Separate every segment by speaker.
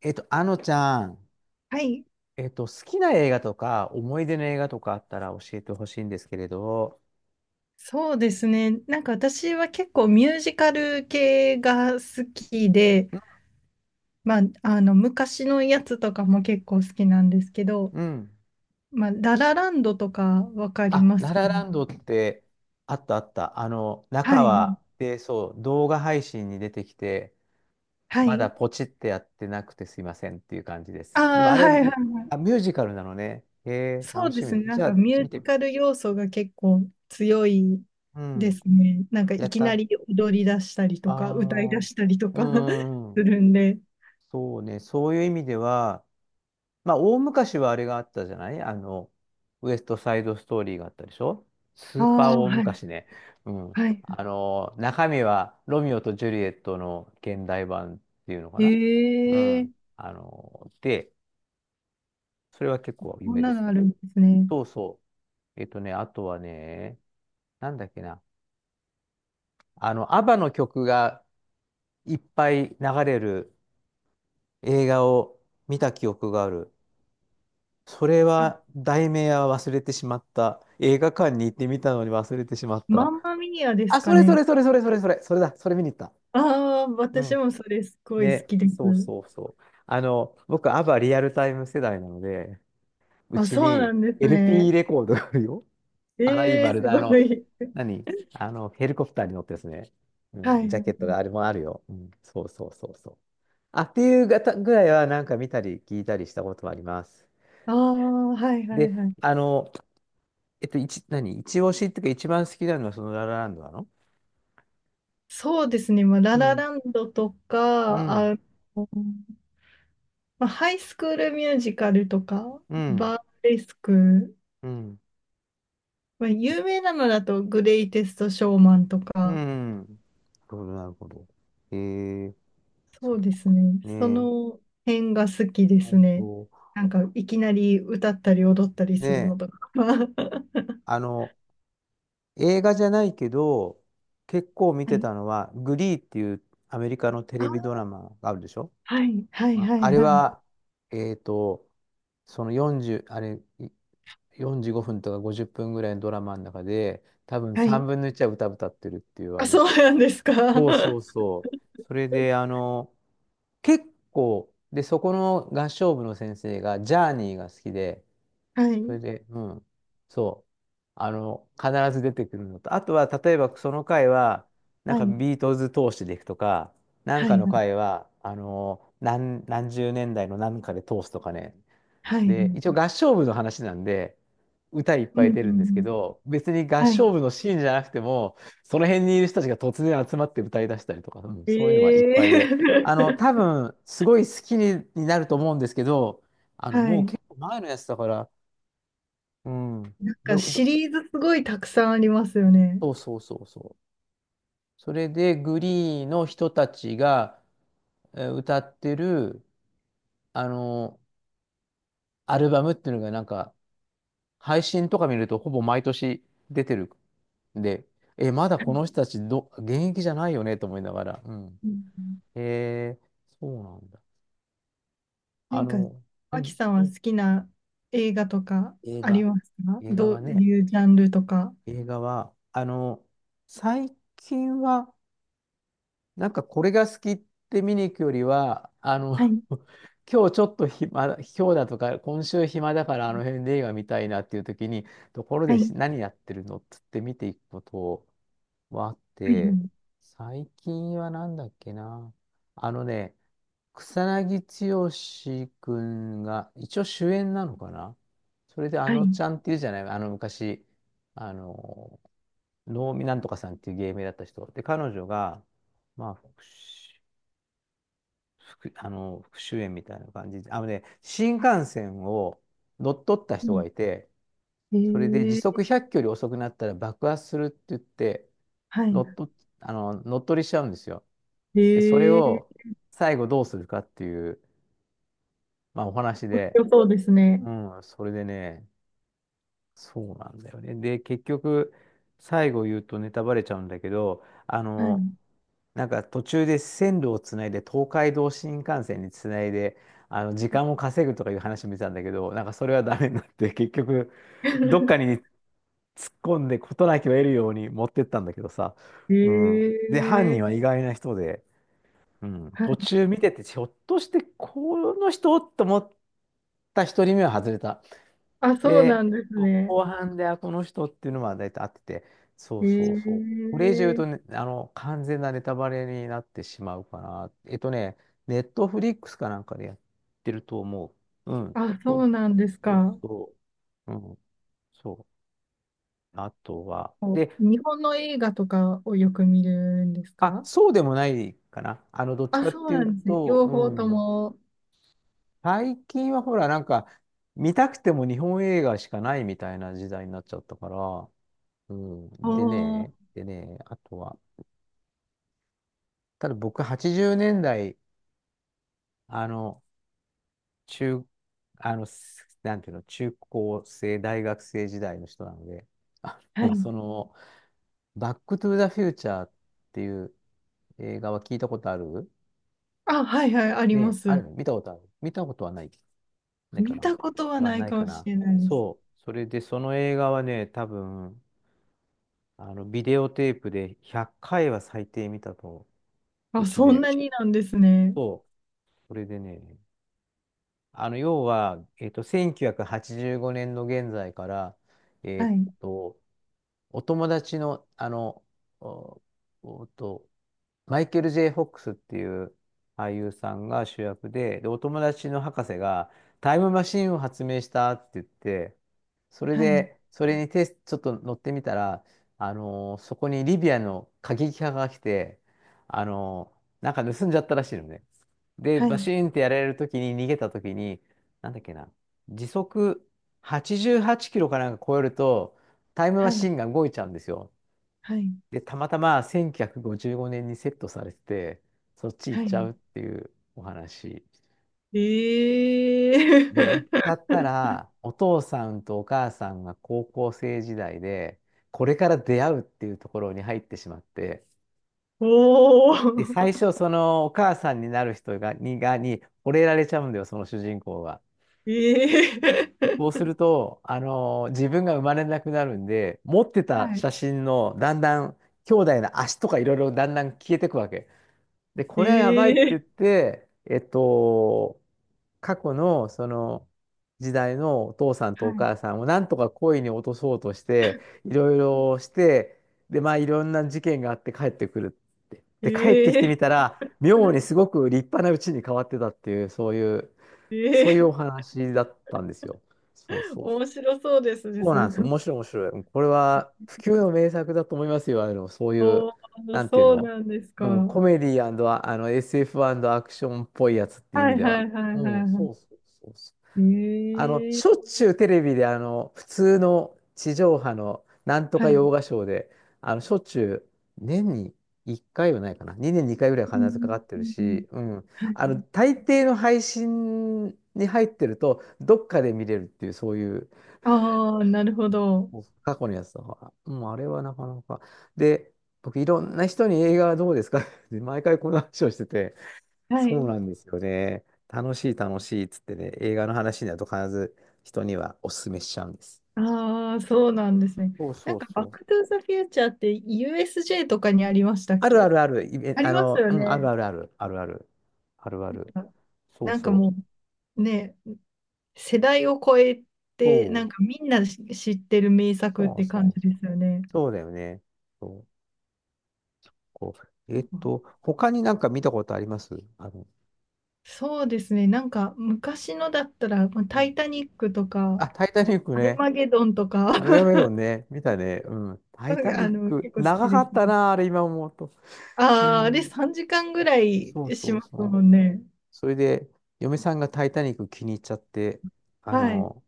Speaker 1: あのちゃん、
Speaker 2: はい、
Speaker 1: 好きな映画とか、思い出の映画とかあったら教えてほしいんですけれど、
Speaker 2: そうですね。なんか私は結構ミュージカル系が好きで、
Speaker 1: うん。
Speaker 2: まあ、昔のやつとかも結構好きなんですけど、
Speaker 1: うん、
Speaker 2: まあ、ララランドとかわかり
Speaker 1: あ、
Speaker 2: ます
Speaker 1: ラ
Speaker 2: か
Speaker 1: ラ
Speaker 2: ね。
Speaker 1: ランドって、あったあった。中
Speaker 2: はい、
Speaker 1: は、で、そう、動画配信に出てきて、
Speaker 2: は
Speaker 1: まだ
Speaker 2: い。
Speaker 1: ポチってやってなくてすいませんっていう感じです。でも
Speaker 2: ああ、
Speaker 1: あれ、
Speaker 2: はいはい。
Speaker 1: あ、ミュージカルなのね。へえ、
Speaker 2: そ
Speaker 1: 楽
Speaker 2: うで
Speaker 1: し
Speaker 2: す
Speaker 1: み。
Speaker 2: ね。な
Speaker 1: じ
Speaker 2: ん
Speaker 1: ゃ
Speaker 2: か
Speaker 1: あ、
Speaker 2: ミュ
Speaker 1: 見
Speaker 2: ージ
Speaker 1: て。
Speaker 2: カル要素が結構強い
Speaker 1: う
Speaker 2: で
Speaker 1: ん。
Speaker 2: すね。なんか
Speaker 1: や
Speaker 2: い
Speaker 1: っ
Speaker 2: き
Speaker 1: た。
Speaker 2: な
Speaker 1: あ
Speaker 2: り踊り出したりとか、歌い出
Speaker 1: あ、
Speaker 2: したりと
Speaker 1: う
Speaker 2: か
Speaker 1: ん。
Speaker 2: するんで。
Speaker 1: そうね、そういう意味では、まあ、大昔はあれがあったじゃないウエストサイドストーリーがあったでしょ。ス
Speaker 2: あ
Speaker 1: ーパー
Speaker 2: あ、
Speaker 1: 大
Speaker 2: はい、
Speaker 1: 昔ね。うん。
Speaker 2: はい。
Speaker 1: あの、中身はロミオとジュリエットの現代版っていうのかな。う
Speaker 2: へえ、
Speaker 1: ん。それは結構有
Speaker 2: こん
Speaker 1: 名で
Speaker 2: な
Speaker 1: す
Speaker 2: のあ
Speaker 1: ね。
Speaker 2: るんですね。
Speaker 1: そうそう。えっとね、あとはね、なんだっけな。あの、アバの曲がいっぱい流れる映画を見た記憶がある。それは、
Speaker 2: あ、
Speaker 1: 題名は忘れてしまった。映画館に行ってみたのに忘れてしまっ
Speaker 2: マ
Speaker 1: た。
Speaker 2: ンマミーアです
Speaker 1: あ、そ
Speaker 2: か
Speaker 1: れそ
Speaker 2: ね。
Speaker 1: れそれそれそれそれ、それだ、それ見に行った。
Speaker 2: ああ、
Speaker 1: う
Speaker 2: 私
Speaker 1: ん。
Speaker 2: もそれすごい好
Speaker 1: ね、
Speaker 2: きで
Speaker 1: そう
Speaker 2: す。
Speaker 1: そうそう。あの、僕、アバリアルタイム世代なので、う
Speaker 2: あ、
Speaker 1: ち
Speaker 2: そうな
Speaker 1: に
Speaker 2: んです
Speaker 1: LP
Speaker 2: ね。
Speaker 1: レコードがあるよ。アライ
Speaker 2: ええ、
Speaker 1: バル
Speaker 2: す
Speaker 1: だ、
Speaker 2: ご
Speaker 1: あの、
Speaker 2: い。
Speaker 1: 何あの、ヘリコプターに乗ってですね。う
Speaker 2: は
Speaker 1: ん、
Speaker 2: い。
Speaker 1: ジャケットがあれもあるよ。うん、そうそうそうそう。あ、っていうがたぐらいはなんか見たり聞いたりしたことはあります。
Speaker 2: ああ、はいはい
Speaker 1: で、
Speaker 2: はい。
Speaker 1: あの、えっと、一、何一押しっていうか一番好きなのはそのララランドなの。
Speaker 2: そうですね。まあ、ラ
Speaker 1: う
Speaker 2: ラ
Speaker 1: ん、
Speaker 2: ランドと
Speaker 1: う
Speaker 2: か、
Speaker 1: ん、
Speaker 2: の、まあ、ハイスクールミュージカルとか、
Speaker 1: うん、
Speaker 2: バーレスク、
Speaker 1: うん、
Speaker 2: まあ、有名なのだとグレイテストショーマンと
Speaker 1: う
Speaker 2: か、
Speaker 1: ん。なるほど、なるほど。えー、
Speaker 2: そ
Speaker 1: そっ
Speaker 2: うです
Speaker 1: か。
Speaker 2: ね。
Speaker 1: ね
Speaker 2: そ
Speaker 1: え、
Speaker 2: の辺が好きです
Speaker 1: 本
Speaker 2: ね。
Speaker 1: 当。
Speaker 2: なんか、いきなり歌ったり踊ったり
Speaker 1: ね
Speaker 2: するの
Speaker 1: え、
Speaker 2: とか。は
Speaker 1: あの、映画じゃないけど、結構見て
Speaker 2: い。
Speaker 1: たのは、グリーっていうアメリカのテレビド
Speaker 2: あ、
Speaker 1: ラマがあるでしょ。
Speaker 2: はい、はい、
Speaker 1: まあ
Speaker 2: はい、
Speaker 1: あれ
Speaker 2: はい。
Speaker 1: は、えっと、その40、あれ、い45分とか50分ぐらいのドラマの中で、多分
Speaker 2: はい。
Speaker 1: 3分の1は歌歌ってるっていう、あ
Speaker 2: あ、そ
Speaker 1: の、
Speaker 2: うなんですか。
Speaker 1: そうそ
Speaker 2: は
Speaker 1: うそう。それで、あの、結構、で、そこの合唱部の先生が、ジャーニーが好きで、
Speaker 2: い、
Speaker 1: それで、うん。そう。あの、必ず出てくるのと。あとは、例えばその回は、なん
Speaker 2: は
Speaker 1: か
Speaker 2: い、
Speaker 1: ビートルズ通してでいくとか、なん
Speaker 2: は
Speaker 1: か
Speaker 2: い、
Speaker 1: の
Speaker 2: はい、
Speaker 1: 回は、何十年代の何かで通すとかね。
Speaker 2: はい。はい、う
Speaker 1: で、一応
Speaker 2: ん、
Speaker 1: 合唱部の話なんで、歌いっ
Speaker 2: う
Speaker 1: ぱい
Speaker 2: ん
Speaker 1: 出
Speaker 2: う
Speaker 1: るんですけ
Speaker 2: ん。
Speaker 1: ど、別に合
Speaker 2: はい。
Speaker 1: 唱部のシーンじゃなくても、その辺にいる人たちが突然集まって歌い出したりとか、うん、そういうのはいっぱいで、
Speaker 2: え
Speaker 1: あの、
Speaker 2: え
Speaker 1: 多 分、すごい好きに、になると思うんですけど、あの、
Speaker 2: は
Speaker 1: もう
Speaker 2: い。
Speaker 1: 結構前のやつだから、うん。
Speaker 2: なん
Speaker 1: で、
Speaker 2: か、
Speaker 1: ど
Speaker 2: シリーズすごいたくさんありますよね。
Speaker 1: そうそうそうそう。それで、グリーの人たちが歌ってる、あの、アルバムっていうのがなんか、配信とか見るとほぼ毎年出てる。で、え、まだこの人たちど、現役じゃないよねと思いながら。うん。
Speaker 2: なんうん
Speaker 1: へえ、そうなんだ。あ
Speaker 2: 何か、
Speaker 1: の、う
Speaker 2: 脇
Speaker 1: ん、
Speaker 2: さんは好きな映画とか
Speaker 1: 映
Speaker 2: あり
Speaker 1: 画。
Speaker 2: ますか、
Speaker 1: 映画
Speaker 2: どう
Speaker 1: はね、
Speaker 2: いうジャンルとか。
Speaker 1: 映画は、あの、最近は、なんかこれが好きって見に行くよりは、あの、
Speaker 2: はい、
Speaker 1: 今日ちょっと暇だ、今日だとか、今週暇だからあの辺で映画見たいなっていう時に、ところ
Speaker 2: は
Speaker 1: で
Speaker 2: い、
Speaker 1: し何やってるのっつって見ていくことはあっ
Speaker 2: はい、は
Speaker 1: て、最近はなんだっけな。あのね、草薙剛君が一応主演なのかな。それであ
Speaker 2: い、は
Speaker 1: の
Speaker 2: い、
Speaker 1: ちゃんっていうじゃない、あの昔、あの、能見なんとかさんっていう芸名だった人。で、彼女が、まあ、復讐復あの復讐演みたいな感じで、あのね、新幹線を乗っ取った
Speaker 2: う
Speaker 1: 人が
Speaker 2: ん。
Speaker 1: いて、それで時
Speaker 2: ええ、
Speaker 1: 速100キロより遅くなったら爆発するって言って、
Speaker 2: は
Speaker 1: 乗
Speaker 2: い。
Speaker 1: っ取っ、乗っ取りしちゃうんですよ。で、それ
Speaker 2: ええ、
Speaker 1: を最後どうするかっていう、まあ、お話
Speaker 2: 面
Speaker 1: で、
Speaker 2: 白そうですね。
Speaker 1: うん、それでね、そうなんだよね。で、結局、最後言うとネタバレちゃうんだけど、あ
Speaker 2: は
Speaker 1: の、
Speaker 2: い。
Speaker 1: なんか途中で線路をつないで、東海道新幹線につないで、あの、時間を稼ぐとかいう話見てたんだけど、なんかそれはダメになって、結局、どっかに 突っ込んで事なきを得るように持ってったんだけどさ、うん。で、犯人は
Speaker 2: ええ、
Speaker 1: 意外な人で、うん、
Speaker 2: は
Speaker 1: 途
Speaker 2: い。
Speaker 1: 中見てて、ひょっとしてこの人と思った一人目は外れた。
Speaker 2: あ、そうな
Speaker 1: で、
Speaker 2: んですね。
Speaker 1: 後半で、あ、この人っていうのは大体合ってて、そうそうそう。
Speaker 2: え
Speaker 1: これ以上言うと
Speaker 2: え、
Speaker 1: ね、あの、完全なネタバレになってしまうかな。えっとね、ネットフリックスかなんかでやってると思う。うん。
Speaker 2: あ、
Speaker 1: そ
Speaker 2: そ
Speaker 1: う
Speaker 2: うなんです
Speaker 1: そう
Speaker 2: か。
Speaker 1: そう。うん。そう。あとは、
Speaker 2: こ
Speaker 1: で、
Speaker 2: う日本の映画とかをよく見るんです
Speaker 1: あ、
Speaker 2: か。
Speaker 1: そうでもないかな。あの、どっち
Speaker 2: あ、
Speaker 1: かっ
Speaker 2: そう
Speaker 1: てい
Speaker 2: な
Speaker 1: う
Speaker 2: んですね。
Speaker 1: と、
Speaker 2: 両
Speaker 1: う
Speaker 2: 方と
Speaker 1: ん。
Speaker 2: も。
Speaker 1: 最近はほら、なんか、見たくても日本映画しかないみたいな時代になっちゃったから、うん。で
Speaker 2: おー、
Speaker 1: ね、でね、あとは、ただ僕80年代、あの、中、あの、すなんていうの、中高生、大学生時代の人なので、あ
Speaker 2: は
Speaker 1: もう
Speaker 2: い。
Speaker 1: その、バックトゥーザフューチャーっていう映画は聞いたことある
Speaker 2: あ、はいはい、ありま
Speaker 1: ね、ある
Speaker 2: す。
Speaker 1: の見たことある、見たことはない。ないか
Speaker 2: 見
Speaker 1: な、
Speaker 2: たことは
Speaker 1: は
Speaker 2: ない
Speaker 1: ない
Speaker 2: か
Speaker 1: か
Speaker 2: もし
Speaker 1: な。
Speaker 2: れないです。
Speaker 1: そう。それで、その映画はね、多分、あの、ビデオテープで100回は最低見たと、う
Speaker 2: あ、
Speaker 1: ち
Speaker 2: そん
Speaker 1: で。
Speaker 2: なになんですね。
Speaker 1: そう。それでね、あの、要は、えっと、1985年の現在から、えっ
Speaker 2: はい、
Speaker 1: と、お友達の、あの、お、おと、マイケル・ J・ フォックスっていう俳優さんが主役で、で、お友達の博士がタイムマシンを発明したって言って、それ
Speaker 2: はい、
Speaker 1: で、それにテスちょっと乗ってみたら、あのーそこにリビアの過激派が来て、あのーなんか盗んじゃったらしいのね。で、
Speaker 2: は
Speaker 1: バ
Speaker 2: い。
Speaker 1: シーンってやられるときに、逃げたときに、なんだっけな、時速88キロかなんか超えると、タイムマ
Speaker 2: はい、
Speaker 1: シンが動いちゃうんですよ。
Speaker 2: はい、
Speaker 1: で、たまたま1955年にセットされてて、そっち行っ
Speaker 2: は
Speaker 1: ち
Speaker 2: い。
Speaker 1: ゃうっていうお話。
Speaker 2: え
Speaker 1: で、行っち
Speaker 2: え
Speaker 1: ゃったら、お父さんとお母さんが高校生時代で、これから出会うっていうところに入ってしまって、
Speaker 2: お
Speaker 1: で、最
Speaker 2: ー、
Speaker 1: 初、そのお母さんになる人が、に、が、に、惚れられちゃうんだよ、その主人公が。そう
Speaker 2: え
Speaker 1: す
Speaker 2: え、
Speaker 1: ると、あのー自分が生まれなくなるんで、持ってた
Speaker 2: はい、
Speaker 1: 写真の、だんだん、兄弟の足とかいろいろだんだん消えてくわけ。で、これはやばいって
Speaker 2: え
Speaker 1: 言っ
Speaker 2: え、
Speaker 1: て、えっと、過去のその時代のお父さん
Speaker 2: は
Speaker 1: とお
Speaker 2: い、
Speaker 1: 母さんをなんとか恋に落とそうとして、いろいろして、で、まあいろんな事件があって帰ってくるって。で、帰ってきて
Speaker 2: え
Speaker 1: みた
Speaker 2: え
Speaker 1: ら、妙にすごく立派な家に変わってたっていう、そういう、そういう
Speaker 2: え
Speaker 1: お
Speaker 2: え、
Speaker 1: 話だったんですよ。そうそう、
Speaker 2: 面白そうですね、
Speaker 1: そう
Speaker 2: そう
Speaker 1: な
Speaker 2: い
Speaker 1: んで
Speaker 2: う
Speaker 1: す。
Speaker 2: の。
Speaker 1: 面白い、面白い。うん、これは不朽の名作だと思いますよ。あの、そう いう、
Speaker 2: おー、
Speaker 1: なんていう
Speaker 2: そう
Speaker 1: の、
Speaker 2: なんですか。
Speaker 1: うん、
Speaker 2: はい、
Speaker 1: コメディ、あの SF& アクションっぽいやつっていう意
Speaker 2: は
Speaker 1: 味
Speaker 2: い、
Speaker 1: で
Speaker 2: は
Speaker 1: は。
Speaker 2: い、はい、
Speaker 1: うん、
Speaker 2: は
Speaker 1: そうそうそうそう。あの、
Speaker 2: い。ええ、
Speaker 1: しょっちゅうテレビで、あの、普通の地上波のなんと
Speaker 2: は
Speaker 1: か洋
Speaker 2: い。
Speaker 1: 画ショーで、あの、しょっちゅう年に1回はないかな。2年に2回ぐらいは
Speaker 2: う
Speaker 1: 必ずかか
Speaker 2: ん
Speaker 1: って
Speaker 2: う
Speaker 1: る
Speaker 2: んうんうん、
Speaker 1: し、うん。
Speaker 2: はい。
Speaker 1: あの、大抵の配信に入ってると、どっかで見れるっていう、そういう、
Speaker 2: ああ、なるほど。
Speaker 1: もう過去のやつとか、もうあれはなかなか。で、僕、いろんな人に映画はどうですか って毎回この話をしてて、
Speaker 2: は
Speaker 1: そう
Speaker 2: い。
Speaker 1: なんですよね。楽しい、楽しいっつってね、映画の話になると必ず人にはお勧めしちゃうんです。
Speaker 2: ああ、そうなんですね。
Speaker 1: そう
Speaker 2: な
Speaker 1: そ
Speaker 2: ん
Speaker 1: う
Speaker 2: か、バッ
Speaker 1: そう。
Speaker 2: クトゥーザフューチャーって USJ とかにありましたっ
Speaker 1: あるあ
Speaker 2: け。
Speaker 1: るある、いえ
Speaker 2: あり
Speaker 1: あ
Speaker 2: ます
Speaker 1: の、
Speaker 2: よ
Speaker 1: うん、ある
Speaker 2: ね。
Speaker 1: あるある、あるある、あるある。そう
Speaker 2: なんか
Speaker 1: そう。
Speaker 2: もう、ね、世代を超えて、な
Speaker 1: そう、
Speaker 2: んかみんなし知ってる名作っ
Speaker 1: そう
Speaker 2: て
Speaker 1: そ
Speaker 2: 感
Speaker 1: う
Speaker 2: じで
Speaker 1: そう。
Speaker 2: すよね。
Speaker 1: そうだよね。そう、こう。え
Speaker 2: な
Speaker 1: っ
Speaker 2: んか
Speaker 1: と、他になんか見たことありますあの、
Speaker 2: そうですね、なんか昔のだったら、まあ
Speaker 1: う
Speaker 2: タイ
Speaker 1: ん。
Speaker 2: タニックとか、
Speaker 1: あ、タイタニック
Speaker 2: アル
Speaker 1: ね。
Speaker 2: マゲドンとか、
Speaker 1: アルガメ ロンね、見たね。うん。タイタニ
Speaker 2: あ
Speaker 1: ッ
Speaker 2: の、
Speaker 1: ク。
Speaker 2: 結構好
Speaker 1: 長
Speaker 2: きで
Speaker 1: か
Speaker 2: す
Speaker 1: った
Speaker 2: ね。
Speaker 1: な、あれ今思うと。う
Speaker 2: ああ、あれ
Speaker 1: ん。
Speaker 2: 3時間ぐらい
Speaker 1: そう
Speaker 2: し
Speaker 1: そう
Speaker 2: ます
Speaker 1: そ
Speaker 2: も
Speaker 1: う。
Speaker 2: んね。
Speaker 1: それで、嫁さんがタイタニック気に入っちゃって、あ
Speaker 2: はい。
Speaker 1: の、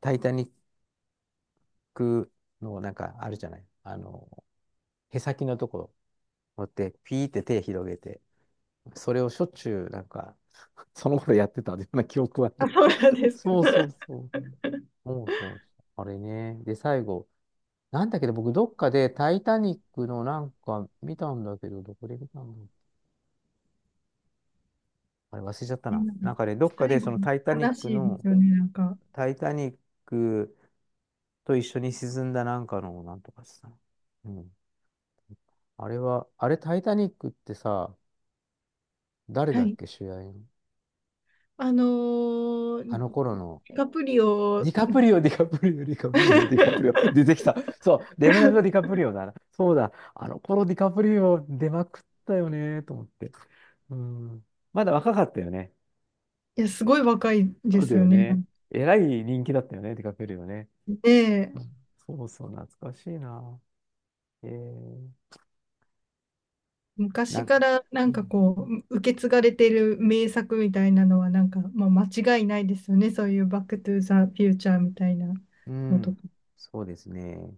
Speaker 1: タイタニックのなんかあるじゃない。あの、へさきのところ持って、ピーって手広げて、それをしょっちゅうなんか、その頃やってたような記憶はあ
Speaker 2: あ、
Speaker 1: る。
Speaker 2: そうなんで すか。
Speaker 1: そうそうそう。そうそうそう。あれね。で、最後、なんだけど、僕どっかでタイタニックのなんか見たんだけど、どこで見たんだろう。あれ忘れちゃったな。
Speaker 2: なん
Speaker 1: なん
Speaker 2: か
Speaker 1: かね、どっかで
Speaker 2: 最後、
Speaker 1: そのタイタニッ
Speaker 2: 悲
Speaker 1: ク
Speaker 2: しいで
Speaker 1: の、
Speaker 2: すよね、なんか。
Speaker 1: タイタニックと一緒に沈んだなんかのなんとかしたな。うん。あれは、あれタイタニックってさ、誰
Speaker 2: は
Speaker 1: だっ
Speaker 2: い。
Speaker 1: け主演の。
Speaker 2: あのー、
Speaker 1: あの頃
Speaker 2: デ
Speaker 1: の。
Speaker 2: ィカプリオ、
Speaker 1: ディカ プリオ、ディカプリオ、ディカプリオ、ディカプリオ。出てきた。そう、レムナブト・ディカプリオだな。そうだ。あの頃ディカプリオ出まくったよね、と思って。うん。まだ若かったよね。
Speaker 2: いや、すごい若いで
Speaker 1: そうだ
Speaker 2: すよ
Speaker 1: よ
Speaker 2: ね。
Speaker 1: ね。えらい人気だったよね、ディカプリオね。
Speaker 2: で、
Speaker 1: そうそう、懐かしいな。えー、
Speaker 2: 昔
Speaker 1: な、
Speaker 2: からな
Speaker 1: うん、
Speaker 2: んかこう、受け継がれてる名作みたいなのは、なんか、まあ、間違いないですよね。そういうバックトゥーザフューチャーみたいな
Speaker 1: う
Speaker 2: のと
Speaker 1: ん、
Speaker 2: か。
Speaker 1: そうですね。